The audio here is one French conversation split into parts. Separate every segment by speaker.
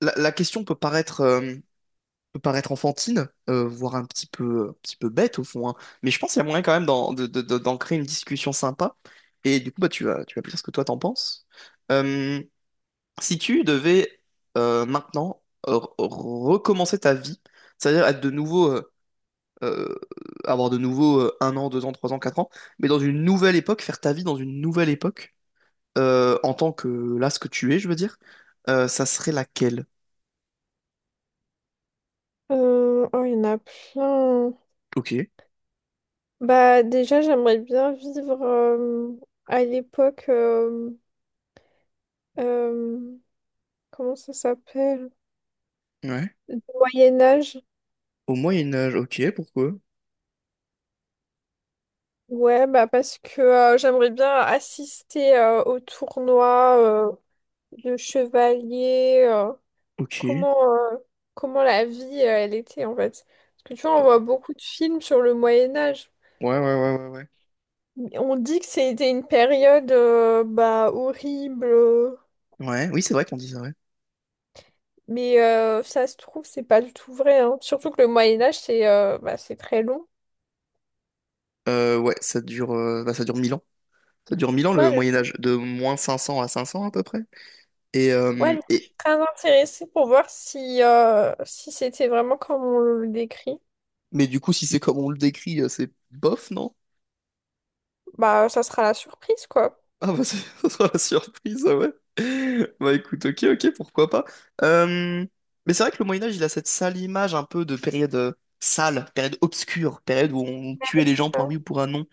Speaker 1: La question peut paraître enfantine, voire un petit peu bête au fond, hein. Mais je pense qu'il y a moyen quand même d'en, de- d'en créer une discussion sympa. Et du coup, bah, tu vas me dire ce que toi t'en penses. Euh, Si tu devais maintenant euh, re- recommencer ta vie, c'est-à-dire être de nouveau, euh, avoir de nouveau un an, deux ans, trois ans, quatre ans, mais dans une nouvelle époque, faire ta vie dans une nouvelle époque, en tant que là, ce que tu es, je veux dire, ça serait laquelle?
Speaker 2: Oh, il y en a plein.
Speaker 1: Ok.
Speaker 2: Bah, déjà, j'aimerais bien vivre à l'époque. Euh, Comment ça s'appelle?
Speaker 1: Ouais.
Speaker 2: Moyen-Âge.
Speaker 1: Au Moyen Âge, ok, pourquoi?
Speaker 2: Ouais, bah, parce que j'aimerais bien assister au tournoi euh, de chevalier.
Speaker 1: Ok. Ouais,
Speaker 2: Comment, euh, Comment la vie elle était, en fait. Parce que tu vois, on voit beaucoup de films sur le Moyen-Âge.
Speaker 1: ouais, ouais, ouais, ouais.
Speaker 2: On dit que c'était une période bah, horrible.
Speaker 1: Ouais, oui, c'est vrai qu'on dit ça, ouais.
Speaker 2: Mais ça se trouve, c'est pas du tout vrai, hein. Surtout que le Moyen Âge, c'est bah, c'est très long.
Speaker 1: Ouais, ça dure, bah, ça dure 1000 ans. Ça dure 1000 ans
Speaker 2: Moi,
Speaker 1: le
Speaker 2: du
Speaker 1: Moyen Âge, de moins 500 à 500 à peu près. Et,
Speaker 2: Ouais,
Speaker 1: euh,
Speaker 2: du coup, je
Speaker 1: et...
Speaker 2: suis très intéressée pour voir si, si c'était vraiment comme on le décrit.
Speaker 1: Mais du coup, si c'est comme on le décrit, c'est bof, non?
Speaker 2: Bah, ça sera la surprise, quoi.
Speaker 1: Ah bah, c'est- ça sera la surprise, ah ouais. Bah écoute, ok, ok, pourquoi pas. Euh, Mais c'est vrai que le Moyen Âge, il a cette sale image un peu de période sale, période obscure, période où on
Speaker 2: Ouais,
Speaker 1: tuait les
Speaker 2: c'est
Speaker 1: gens pour un
Speaker 2: ça.
Speaker 1: oui ou pour un non.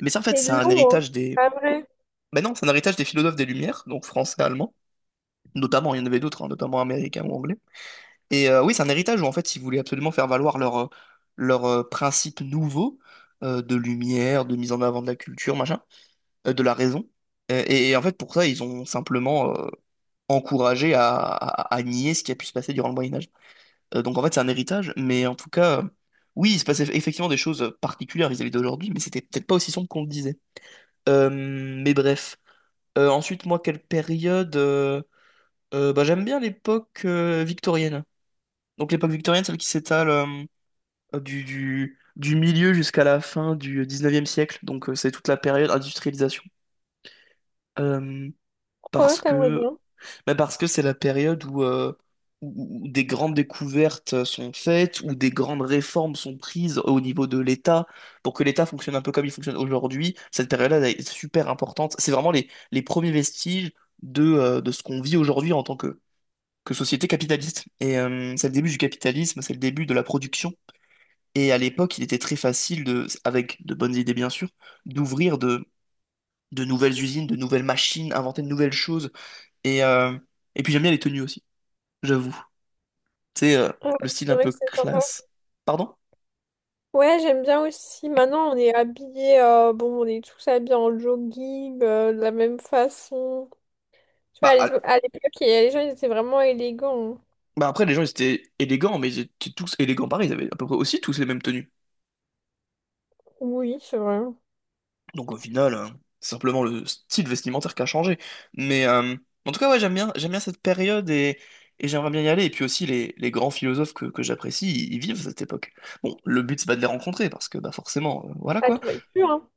Speaker 1: Mais ça, en fait,
Speaker 2: C'est
Speaker 1: c'est un
Speaker 2: long, hein.
Speaker 1: héritage des
Speaker 2: Pas vrai.
Speaker 1: Ben non, c'est un héritage des philosophes des Lumières, donc français, allemand, notamment, il y en avait d'autres, hein, notamment américains ou anglais. Oui, c'est un héritage où en fait ils voulaient absolument faire valoir leurs principes nouveaux de lumière, de mise en avant de la culture, machin, de la raison. Et en fait pour ça, ils ont simplement encouragé à nier ce qui a pu se passer durant le Moyen Âge. Donc en fait c'est un héritage, mais en tout cas, oui, il se passait effectivement des choses particulières vis-à-vis d'aujourd'hui, mais c'était peut-être pas aussi sombre qu'on le disait. Mais bref. Ensuite, moi, quelle période, bah, j'aime bien l'époque victorienne. Donc l'époque victorienne, celle qui s'étale du, du milieu jusqu'à la fin du 19e siècle. Donc c'est toute la période industrialisation. Euh,
Speaker 2: Ouais,
Speaker 1: parce
Speaker 2: t'aimerais
Speaker 1: que
Speaker 2: bien.
Speaker 1: Mais parce que c'est la période où, où des grandes découvertes sont faites, où des grandes réformes sont prises au niveau de l'État, pour que l'État fonctionne un peu comme il fonctionne aujourd'hui. Cette période-là elle est super importante. C'est vraiment les premiers vestiges de ce qu'on vit aujourd'hui en tant que société capitaliste. C'est le début du capitalisme, c'est le début de la production. Et à l'époque, il était très facile, avec de bonnes idées bien sûr, d'ouvrir de, de nouvelles usines, de nouvelles machines, inventer de nouvelles choses. Et, euh, et puis j'aime bien les tenues aussi j'avoue. Tu sais,
Speaker 2: Ouais,
Speaker 1: le style
Speaker 2: c'est
Speaker 1: un
Speaker 2: vrai
Speaker 1: peu
Speaker 2: que c'est sympa.
Speaker 1: classe. Pardon?
Speaker 2: Ouais, j'aime bien aussi. Maintenant, on est habillés, bon, on est tous habillés en jogging, de la même façon. Tu vois,
Speaker 1: Bah, à-
Speaker 2: à l'époque, les gens, ils étaient vraiment élégants.
Speaker 1: Bah après, les gens, ils étaient élégants, mais ils étaient tous élégants pareil. Ils avaient à peu près aussi tous les mêmes tenues.
Speaker 2: Oui, c'est vrai.
Speaker 1: Donc au final, c'est simplement le style vestimentaire qui a changé. Mais euh, En tout cas, ouais, j'aime bien cette période, et j'aimerais bien y aller. Et puis aussi, les grands philosophes que j'apprécie, ils vivent cette époque. Bon, le but, c'est pas de les rencontrer, parce que bah forcément, voilà
Speaker 2: Ah,
Speaker 1: quoi.
Speaker 2: t'aurais pu, hein.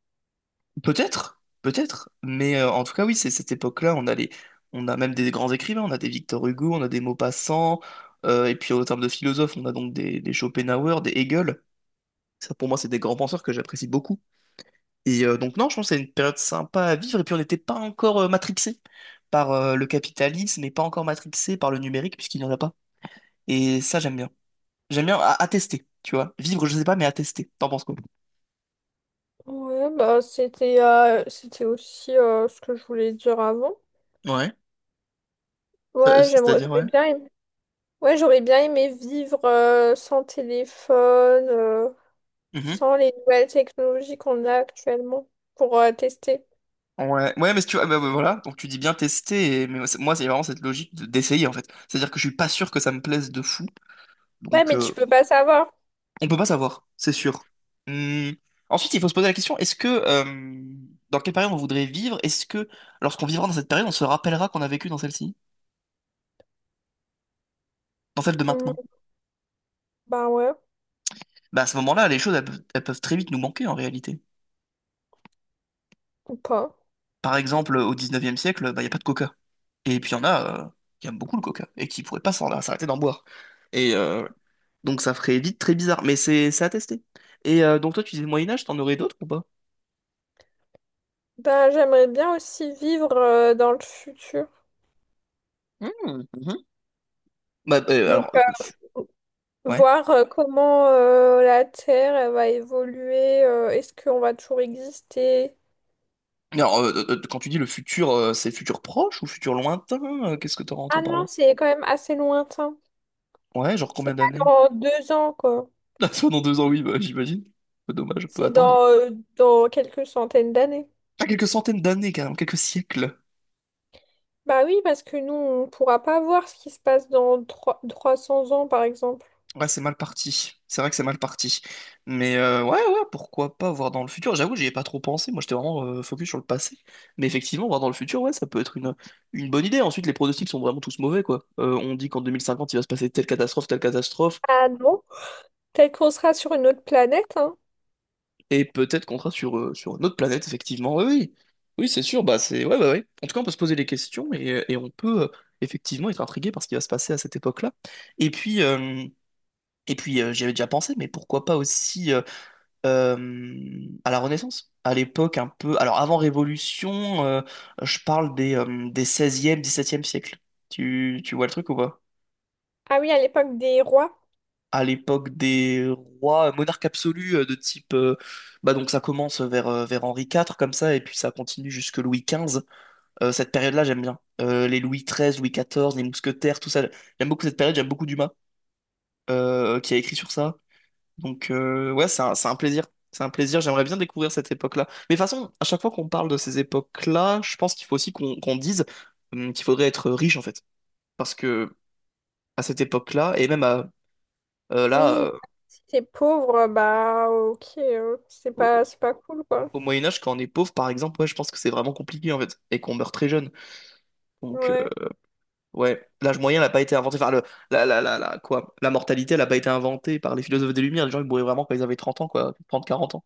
Speaker 1: Peut-être, peut-être, mais en tout cas, oui, c'est cette époque-là, on a on a même des grands écrivains, on a des Victor Hugo, on a des Maupassant, et puis en termes de philosophes, on a donc des Schopenhauer, des Hegel. Ça, pour moi, c'est des grands penseurs que j'apprécie beaucoup. Donc, non, je pense que c'est une période sympa à vivre, et puis on n'était pas encore matrixé par le capitalisme, et pas encore matrixé par le numérique, puisqu'il n'y en a pas. Et ça, j'aime bien. À tester, tu vois. Vivre, je sais pas, mais à tester. T'en penses quoi?
Speaker 2: Ouais, bah c'était c'était aussi ce que je voulais dire avant.
Speaker 1: Ouais, c'est-à-dire,
Speaker 2: J'aurais
Speaker 1: ouais.
Speaker 2: bien aimé... Ouais, j'aurais bien aimé vivre sans téléphone, sans les nouvelles technologies qu'on a actuellement pour tester.
Speaker 1: Ouais, ouais, mais si tu vois, bah, voilà, donc tu dis bien tester, et... mais moi, c'est vraiment cette logique d'essayer en fait. C'est-à-dire que je suis pas sûr que ça me plaise de fou,
Speaker 2: Ouais,
Speaker 1: donc
Speaker 2: mais tu peux pas savoir.
Speaker 1: on peut pas savoir, c'est sûr. Hum, Ensuite, il faut se poser la question, est-ce que dans quelle période on voudrait vivre? Est-ce que lorsqu'on vivra dans cette période, on se rappellera qu'on a vécu dans celle-ci, dans celle de
Speaker 2: Hmm,
Speaker 1: maintenant?
Speaker 2: bah ouais,
Speaker 1: Bah à ce moment-là, les choses, elles peuvent très vite nous manquer en réalité.
Speaker 2: ou pas.
Speaker 1: Par exemple, au 19e siècle, bah, il n'y a pas de coca. Et puis il y en a qui aiment beaucoup le coca et qui pourraient pas s'arrêter d'en boire. Et euh, Donc ça ferait vite très bizarre, mais c'est à tester. Donc toi, tu disais Moyen-Âge, t'en aurais d'autres ou pas?
Speaker 2: Ben j'aimerais bien aussi vivre dans le futur.
Speaker 1: Mhm, mhm. Bah, euh,
Speaker 2: Donc
Speaker 1: alors, euh, fu-
Speaker 2: euh,
Speaker 1: ouais.
Speaker 2: voir comment la Terre elle va évoluer, est-ce qu'on va toujours exister?
Speaker 1: Alors, quand tu dis le futur, c'est futur proche ou futur lointain? Qu'est-ce que t'aurais
Speaker 2: Ah
Speaker 1: entends par là?
Speaker 2: non, c'est quand même assez lointain.
Speaker 1: Ouais, genre combien
Speaker 2: C'est pas
Speaker 1: d'années?
Speaker 2: dans deux ans, quoi.
Speaker 1: soit dans 2 ans, oui, bah, j'imagine. Dommage, on peut
Speaker 2: C'est dans,
Speaker 1: attendre.
Speaker 2: euh, dans quelques centaines d'années.
Speaker 1: Ah, quelques centaines d'années, carrément, quelques siècles.
Speaker 2: Bah oui, parce que nous, on pourra pas voir ce qui se passe dans 300 ans, par exemple.
Speaker 1: Ouais, c'est mal parti. C'est vrai que c'est mal parti. Ouais, ouais, pourquoi pas voir dans le futur. J'avoue, j'y ai pas trop pensé. Moi, j'étais vraiment focus sur le passé. Mais effectivement, voir dans le futur, ouais, ça peut être une bonne idée. Ensuite, les pronostics sont vraiment tous mauvais, quoi. On dit qu'en 2050, il va se passer telle catastrophe, telle catastrophe.
Speaker 2: Ah non? Peut-être qu'on sera sur une autre planète, hein.
Speaker 1: Et peut-être qu'on sera sur une autre planète, effectivement. Oui, oui. Oui, c'est sûr. Bah, c'est... Ouais, bah, ouais. En tout cas, on peut se poser des questions, et on peut effectivement être intrigué par ce qui va se passer à cette époque-là. Et puis... euh, Et puis, j'y avais déjà pensé, mais pourquoi pas aussi à la Renaissance, à l'époque un peu. Alors avant Révolution, je parle des 16e, 17 siècle. Tu vois le truc ou pas?
Speaker 2: Ah oui, à l'époque des rois.
Speaker 1: À l'époque des rois, monarques absolus de type. Bah donc ça commence vers, vers Henri IV comme ça, et puis ça continue jusque Louis XV. Cette période-là, j'aime bien. Les Louis XIII, Louis XIV, les mousquetaires, tout ça. J'aime beaucoup cette période, j'aime beaucoup Dumas qui a écrit sur ça. Donc, ouais, c'est un plaisir. C'est un plaisir. J'aimerais bien découvrir cette époque-là. Mais de toute façon, à chaque fois qu'on parle de ces époques-là, je pense qu'il faut aussi qu'on dise qu'il faudrait être riche, en fait. Parce que à cette époque-là, et même euh, là,
Speaker 2: Oui,
Speaker 1: euh,
Speaker 2: si t'es pauvre, bah ok,
Speaker 1: au,
Speaker 2: c'est pas cool, quoi.
Speaker 1: Moyen Âge, quand on est pauvre, par exemple, ouais, je pense que c'est vraiment compliqué, en fait, et qu'on meurt très jeune. Donc,
Speaker 2: Ouais.
Speaker 1: ouais, l'âge moyen n'a pas été inventé. Enfin, le, la- quoi, la mortalité, elle n'a pas été inventée par les philosophes des Lumières. Les gens, ils mouraient vraiment quand ils avaient 30 ans, quoi, 30 40 ans.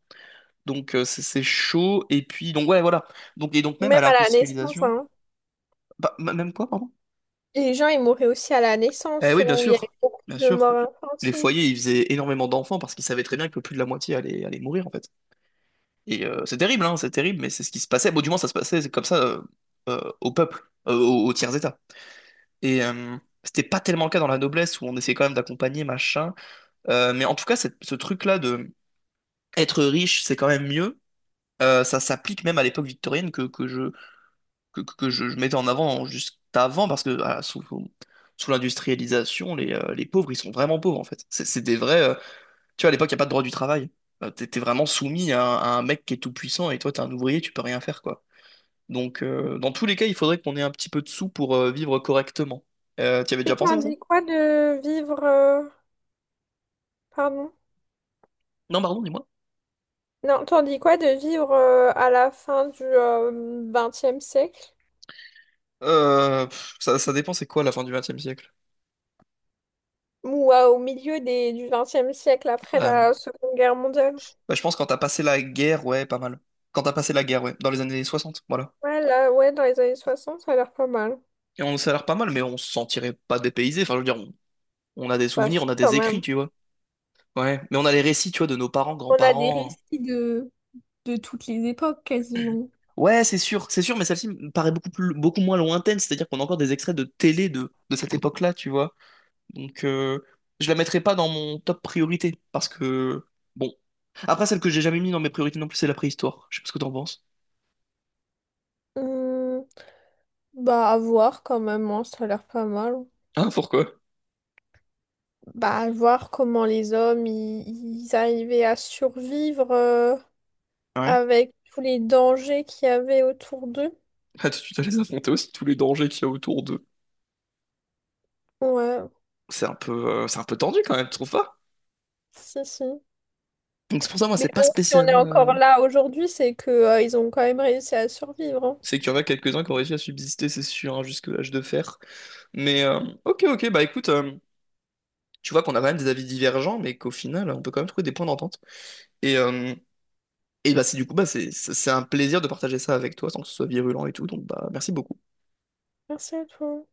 Speaker 1: Donc c'est chaud. Et puis, donc ouais, voilà. Donc, et donc
Speaker 2: Ou
Speaker 1: même
Speaker 2: même
Speaker 1: à
Speaker 2: à la naissance,
Speaker 1: l'industrialisation.
Speaker 2: hein.
Speaker 1: Même quoi, pardon?
Speaker 2: Les gens, ils mouraient aussi à la
Speaker 1: Eh
Speaker 2: naissance,
Speaker 1: oui, bien
Speaker 2: où il y avait
Speaker 1: sûr.
Speaker 2: beaucoup
Speaker 1: Bien
Speaker 2: de
Speaker 1: sûr.
Speaker 2: morts
Speaker 1: Les
Speaker 2: infantiles.
Speaker 1: foyers, ils faisaient énormément d'enfants parce qu'ils savaient très bien que plus de la moitié allait mourir, en fait. C'est terrible, hein, c'est terrible, mais c'est ce qui se passait. Bon, du moins, ça se passait comme ça au peuple, au tiers-état. Et euh, C'était pas tellement le cas dans la noblesse où on essayait quand même d'accompagner, machin. Mais en tout cas, ce truc-là de être riche, c'est quand même mieux. Ça s'applique même à l'époque victorienne que je mettais en avant juste avant, parce que ah, sous, sous l'industrialisation, les pauvres, ils sont vraiment pauvres, en fait. C'est des vrais... tu vois, à l'époque, il n'y a pas de droit du travail. T'es vraiment soumis à un mec qui est tout puissant, et toi, t'es un ouvrier, tu peux rien faire, quoi. Donc, dans tous les cas, il faudrait qu'on ait un petit peu de sous pour vivre correctement. Tu avais
Speaker 2: Et
Speaker 1: déjà pensé
Speaker 2: t'en
Speaker 1: à ça?
Speaker 2: dis quoi de vivre... Pardon?
Speaker 1: Non, pardon, dis-moi.
Speaker 2: Non, t'en dis quoi de vivre à la fin du XXe siècle?
Speaker 1: Pff, ça dépend, c'est quoi la fin du XXe siècle?
Speaker 2: Ou au milieu du XXe siècle, après
Speaker 1: Euh,
Speaker 2: la Seconde Guerre mondiale?
Speaker 1: Bah, je pense quand t'as passé la guerre, ouais, pas mal. Quand t'as passé la guerre, ouais, dans les années 60 voilà.
Speaker 2: Ouais, là, ouais, dans les années 60, ça a l'air pas mal.
Speaker 1: Et on, ça a l'air pas mal, mais on se sentirait pas dépaysé. Enfin, je veux dire, on a des
Speaker 2: Bah
Speaker 1: souvenirs,
Speaker 2: si,
Speaker 1: on a
Speaker 2: quand
Speaker 1: des écrits,
Speaker 2: même.
Speaker 1: tu vois. Ouais, mais on a les récits, tu vois, de nos parents,
Speaker 2: On a des
Speaker 1: grands-parents.
Speaker 2: récits de toutes les époques quasiment.
Speaker 1: Ouais, c'est sûr, mais celle-ci me paraît beaucoup plus, beaucoup moins lointaine. C'est-à-dire qu'on a encore des extraits de télé de cette époque-là, tu vois. Donc, je la mettrai pas dans mon top priorité, parce que, bon. Après, celle que j'ai jamais mis dans mes priorités non plus, c'est la préhistoire. Je sais pas ce que t'en penses.
Speaker 2: Hmm, bah à voir quand même, hein, ça a l'air pas mal.
Speaker 1: Ah, pourquoi?
Speaker 2: Bah à voir comment les hommes, ils arrivaient à survivre,
Speaker 1: Ouais.
Speaker 2: avec tous les dangers qu'il y avait autour d'eux.
Speaker 1: Ah, tu dois les affronter aussi, tous les dangers qu'il y a autour d'eux.
Speaker 2: Ouais,
Speaker 1: C'est un peu, c'est un peu tendu quand même, tu trouves pas?
Speaker 2: si, si.
Speaker 1: Donc, c'est pour ça, moi,
Speaker 2: Mais
Speaker 1: c'est pas
Speaker 2: bon, si on est
Speaker 1: spécialement.
Speaker 2: encore là aujourd'hui, c'est que, ils ont quand même réussi à survivre, hein.
Speaker 1: C'est qu'il y en a quelques-uns qui ont réussi à subsister, c'est sûr, hein, jusque l'âge de fer. Mais euh, ok, ok, bah écoute, tu vois qu'on a quand même des avis divergents, mais qu'au final, on peut quand même trouver des points d'entente. Et, euh, et bah c'est du coup, bah, c'est un plaisir de partager ça avec toi, sans que ce soit virulent et tout, donc bah merci beaucoup.
Speaker 2: Merci à toi.